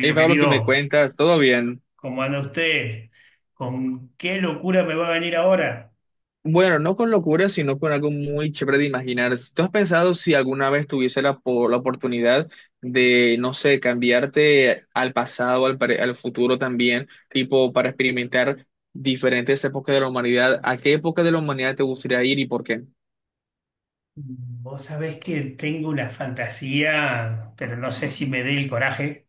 Hey Pablo, ¿que me querido, cuentas? ¿Todo bien? ¿cómo anda usted? ¿Con qué locura me va a venir ahora? Bueno, no con locura, sino con algo muy chévere de imaginar. ¿Tú has pensado si alguna vez tuviese la oportunidad de, no sé, cambiarte al pasado, al futuro también, tipo para experimentar diferentes épocas de la humanidad? ¿A qué época de la humanidad te gustaría ir y por qué? Vos sabés que tengo una fantasía, pero no sé si me dé el coraje.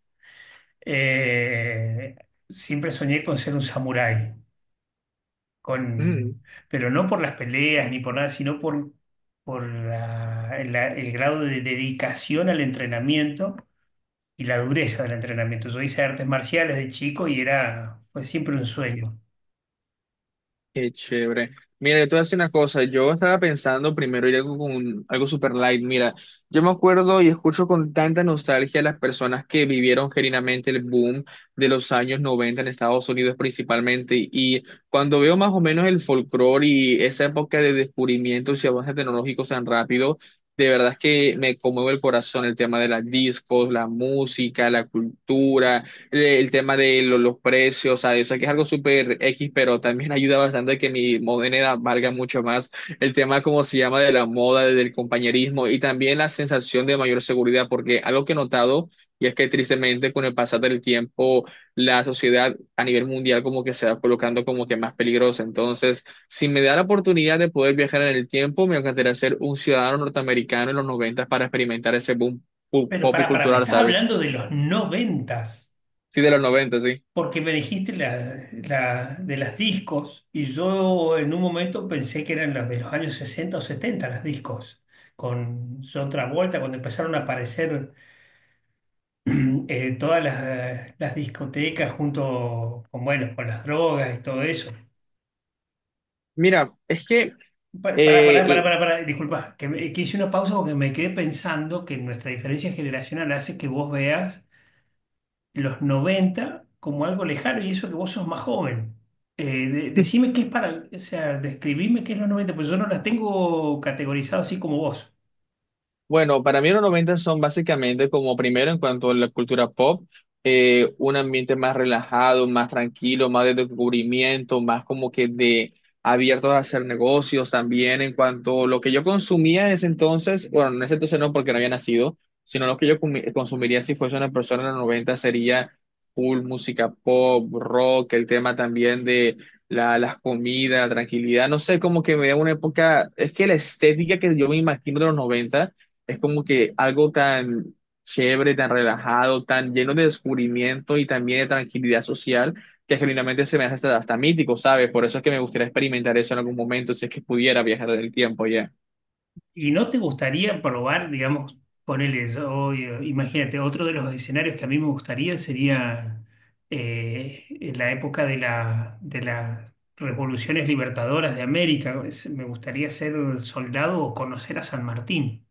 Eh, Siempre soñé con ser un samurái, Mm. con, pero no por las peleas ni por nada, sino por el grado de dedicación al entrenamiento y la dureza del entrenamiento. Yo hice artes marciales de chico y fue siempre un sueño. Qué chévere. Mira, yo te voy a decir una cosa. Yo estaba pensando primero ir algo con algo super light. Mira, yo me acuerdo y escucho con tanta nostalgia a las personas que vivieron genuinamente el boom de los años 90 en Estados Unidos principalmente. Y cuando veo más o menos el folclore y esa época de descubrimientos y avances tecnológicos tan rápido, de verdad es que me conmueve el corazón el tema de las discos, la música, la cultura, el tema de los precios, ¿sabes? O sea, yo sé que es algo súper X, pero también ayuda bastante a que mi moneda valga mucho más. El tema, como se llama, de la moda, del compañerismo y también la sensación de mayor seguridad, porque algo que he notado, y es que tristemente con el pasar del tiempo, la sociedad a nivel mundial como que se va colocando como que más peligrosa. Entonces, si me da la oportunidad de poder viajar en el tiempo, me encantaría ser un ciudadano norteamericano en los 90 para experimentar ese boom pu- Pero pop y pará, pará, me cultural, estás ¿sabes? hablando de los noventas, Sí, de los 90, sí. porque me dijiste de las discos y yo en un momento pensé que eran las de los años 60 o 70 las discos, con John Travolta, cuando empezaron a aparecer todas las discotecas junto con, bueno, con las drogas y todo eso. Mira, es que Pará, pará, pará, pará, eh, pará, pará, disculpa, que hice una pausa porque me quedé pensando que nuestra diferencia generacional hace que vos veas los 90 como algo lejano y eso que vos sos más joven. Decime qué es para, o sea, describime qué es los 90 pues yo no las tengo categorizadas así como vos. bueno, para mí los 90 son básicamente como primero en cuanto a la cultura pop. Un ambiente más relajado, más tranquilo, más de descubrimiento, más como que de abiertos a hacer negocios también en cuanto a lo que yo consumía en ese entonces. Bueno, en ese entonces no, porque no había nacido, sino lo que yo consumiría si fuese una persona en los 90 sería full música pop, rock, el tema también de la, las comidas, la tranquilidad, no sé, como que me da una época. Es que la estética que yo me imagino de los 90 es como que algo tan chévere, tan relajado, tan lleno de descubrimiento y también de tranquilidad social, que genuinamente se me hace hasta mítico, ¿sabes? Por eso es que me gustaría experimentar eso en algún momento, si es que pudiera viajar en el tiempo ya. ¿Y no te gustaría probar, digamos, ponele, imagínate, otro de los escenarios que a mí me gustaría sería en la época de de las revoluciones libertadoras de América. Me gustaría ser soldado o conocer a San Martín.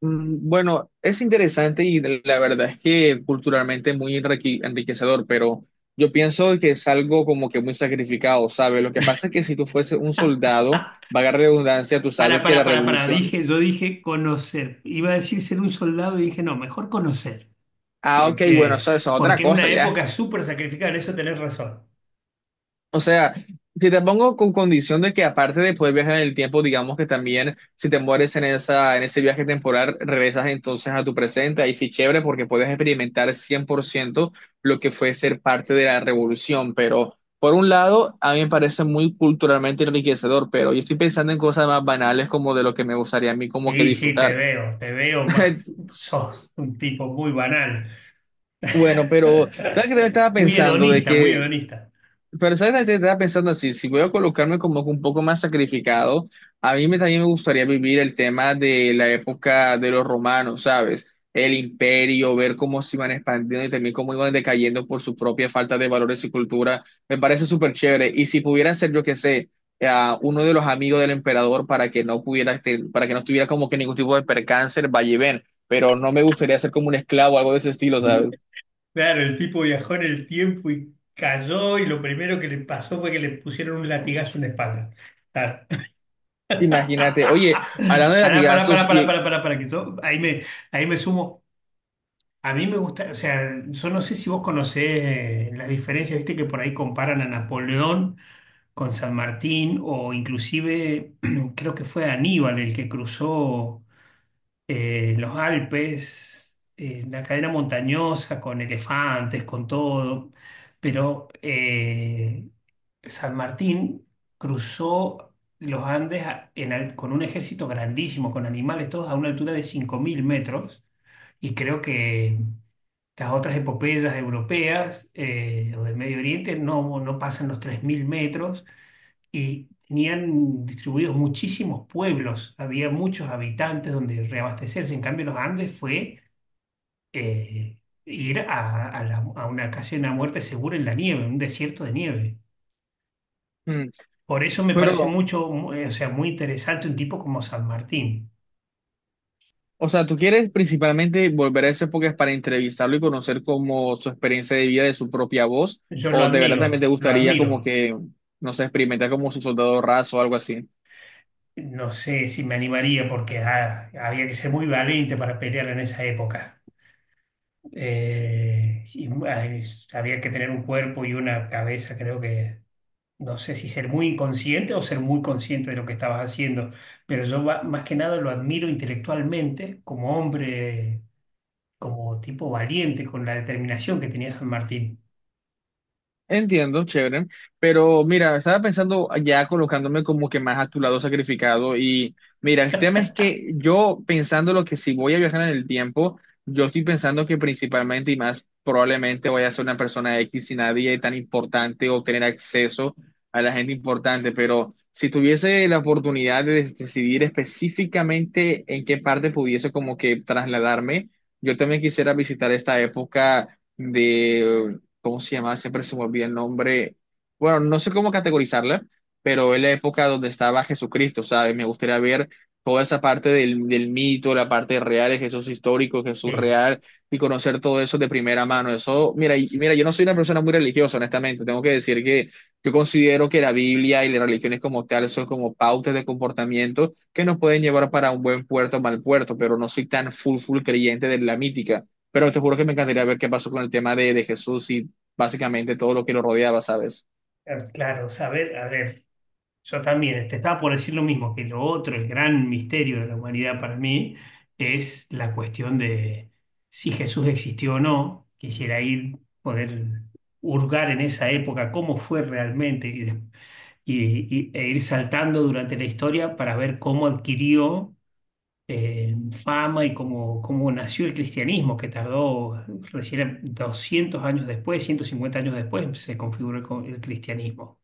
Mm, bueno, es interesante y la verdad es que culturalmente muy enriquecedor, pero yo pienso que es algo como que muy sacrificado, ¿sabes? Lo que pasa es que si tú fueses un soldado, vaga redundancia, tú sabes que la Para, revolución... dije, yo dije conocer. Iba a decir ser un soldado y dije, no, mejor conocer, Ah, ok, bueno, porque, eso es otra porque es cosa una ya. época súper sacrificada, en eso tenés razón. O sea, si te pongo con condición de que aparte de poder viajar en el tiempo, digamos que también si te mueres en esa, en ese viaje temporal, regresas entonces a tu presente, ahí sí chévere, porque puedes experimentar 100% lo que fue ser parte de la revolución, pero por un lado, a mí me parece muy culturalmente enriquecedor, pero yo estoy pensando en cosas más banales como de lo que me gustaría a mí como que Sí, sí, disfrutar. Te veo más. Sos un tipo muy banal. Bueno, pero ¿sabes qué te estaba Muy pensando? De hedonista, muy que... hedonista. Pero sabes, ahorita estaba pensando así, si voy a colocarme como un poco más sacrificado, a mí me, también me gustaría vivir el tema de la época de los romanos, ¿sabes? El imperio, ver cómo se iban expandiendo y también cómo iban decayendo por su propia falta de valores y cultura, me parece súper chévere. Y si pudiera ser, yo qué sé, eh, uno de los amigos del emperador para que no pudiera, para que no estuviera como que ningún tipo de percance, vaya y ven, pero no me gustaría ser como un esclavo, algo de ese estilo, ¿sabes? Claro, el tipo viajó en el tiempo y cayó y lo primero que le pasó fue que le pusieron un latigazo en la espalda. Claro. Imagínate, oye, hablando de Pará, pará, pará, latigazos, pará, y- pará, pará, pará, que yo ahí me sumo. A mí me gusta, o sea, yo no sé si vos conocés las diferencias, viste que por ahí comparan a Napoleón con San Martín o inclusive creo que fue Aníbal el que cruzó los Alpes, la cadena montañosa con elefantes, con todo, pero San Martín cruzó los Andes con un ejército grandísimo, con animales todos a una altura de 5000 metros y creo que... Las otras epopeyas europeas o del Medio Oriente no pasan los 3000 metros y tenían distribuidos muchísimos pueblos, había muchos habitantes donde reabastecerse. En cambio, los Andes fue eh, ir a una casi una muerte segura en la nieve, un desierto de nieve. Por eso me parece Pero, o sea, muy interesante un tipo como San Martín. o sea, ¿tú quieres principalmente volver a esa época para entrevistarlo y conocer como su experiencia de vida de su propia voz, Yo lo o de verdad también te admiro, lo gustaría como admiro. que, no sé, experimentar como su soldado raso o algo así? No sé si me animaría porque ah, había que ser muy valiente para pelear en esa época. Eh, y, ay, Había que tener un cuerpo y una cabeza, no sé si ser muy inconsciente o ser muy consciente de lo que estabas haciendo, pero más que nada lo admiro intelectualmente como hombre, como tipo valiente, con la determinación que tenía San Martín. Entiendo, chévere, pero mira, estaba pensando ya colocándome como que más a tu lado sacrificado y mira, el tema es que yo pensando lo que si voy a viajar en el tiempo, yo estoy pensando que principalmente y más probablemente voy a ser una persona X y nadie tan importante o tener acceso a la gente importante, pero si tuviese la oportunidad de decidir específicamente en qué parte pudiese como que trasladarme, yo también quisiera visitar esta época de... ¿cómo se llamaba? Siempre se me olvida el nombre. Bueno, no sé cómo categorizarla, pero es la época donde estaba Jesucristo, ¿sabes? Me gustaría ver toda esa parte del mito, la parte real de Jesús histórico, Jesús Sí. real, y conocer todo eso de primera mano. Eso, mira, mira, yo no soy una persona muy religiosa, honestamente. Tengo que decir que yo considero que la Biblia y las religiones como tal son como pautas de comportamiento que nos pueden llevar para un buen puerto o mal puerto, pero no soy tan full, full creyente de la mítica. Pero te juro que me encantaría ver qué pasó con el tema de Jesús y básicamente todo lo que lo rodeaba, ¿sabes? Claro, saber, a ver, yo también, te estaba por decir lo mismo, que lo otro, el gran misterio de la humanidad para mí, es la cuestión de si Jesús existió o no. Quisiera ir, poder hurgar en esa época cómo fue realmente y, de- y- e ir saltando durante la historia para ver cómo adquirió eh, fama y cómo nació el cristianismo, que tardó recién 200 años después, 150 años después, se configuró el cristianismo.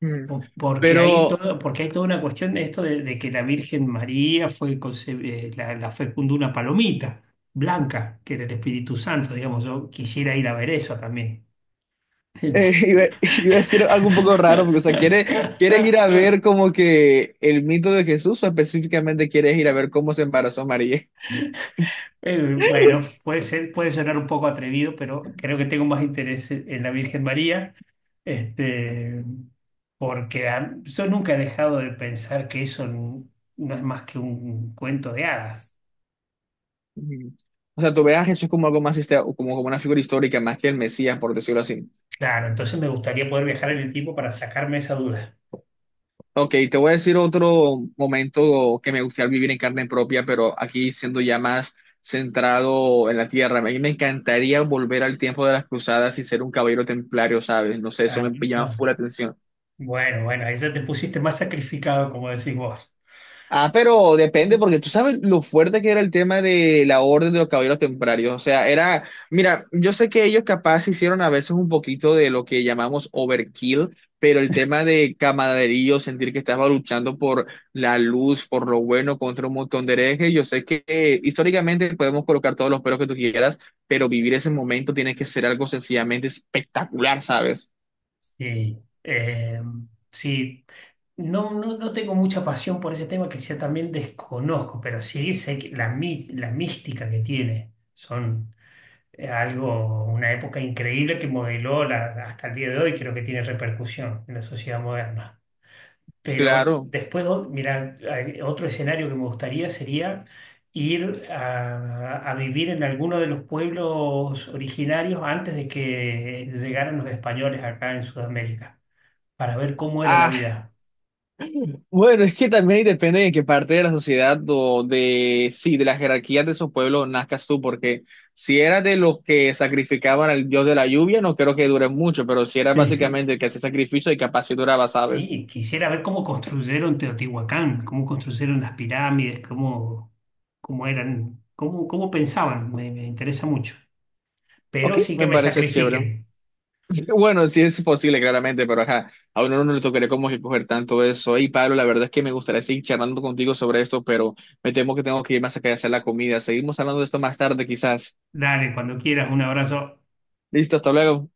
Mm. Porque Pero porque hay toda una cuestión de esto de que la Virgen María la fecundó una palomita blanca, que era el Espíritu Santo, digamos, yo quisiera ir a ver eso también. eh, iba, iba a decir algo un poco raro, porque, o sea, ¿quieres ir a ver como que el mito de Jesús o específicamente quieres ir a ver cómo se embarazó María? Bueno, puede ser, puede sonar un poco atrevido, pero creo que tengo más interés en la Virgen María, este, porque yo nunca he dejado de pensar que no es más que un cuento de hadas. Mm. O sea, ¿tú ves a Jesús como algo más, como, como una figura histórica más que el Mesías, por decirlo así? Claro, entonces me gustaría poder viajar en el tiempo para sacarme esa duda. Ok, te voy a decir otro momento que me gustaría vivir en carne propia, pero aquí siendo ya más centrado en la tierra. A mí me encantaría volver al tiempo de las cruzadas y ser un caballero templario, ¿sabes? No sé, eso Ah, me llama full la atención. bueno, bueno, ahí ya te pusiste más sacrificado, como decís vos. Ah, pero depende, Mm. porque tú sabes lo fuerte que era el tema de la orden de los caballeros templarios. O sea, era, mira, yo sé que ellos capaz hicieron a veces un poquito de lo que llamamos overkill, pero el tema de camaradería, sentir que estaba luchando por la luz, por lo bueno, contra un montón de herejes, yo sé que históricamente podemos colocar todos los peros que tú quieras, pero vivir ese momento tiene que ser algo sencillamente espectacular, ¿sabes? Sí, eh, sí. No, no, no tengo mucha pasión por ese tema que sea también desconozco, pero sí sé que la mística que tiene son una época increíble que modeló hasta el día de hoy, creo que tiene repercusión en la sociedad moderna. Pero Claro. después, mira, hay otro escenario que me gustaría sería ir a vivir en alguno de los pueblos originarios antes de que llegaran los españoles acá en Sudamérica, para ver cómo era la Ah, vida. bueno, es que también depende de qué parte de la sociedad o de, sí, de las jerarquías de esos pueblos nazcas tú, porque si eras de los que sacrificaban al dios de la lluvia, no creo que dure mucho, pero si eras básicamente el que hacía sacrificio y capaz si duraba, ¿sabes? Sí, quisiera ver cómo construyeron Teotihuacán, cómo construyeron las pirámides, cómo eran, cómo pensaban. Me interesa mucho. Pero Ok, sí que me me parece chévere. sacrifiquen. Bueno, sí es posible, claramente, pero ajá, a uno no le tocaría como que coger tanto eso. Y Pablo, la verdad es que me gustaría seguir charlando contigo sobre esto, pero me temo que tengo que irme a sacar a hacer la comida. Seguimos hablando de esto más tarde, quizás. Dale, cuando quieras, un abrazo. Listo, hasta luego.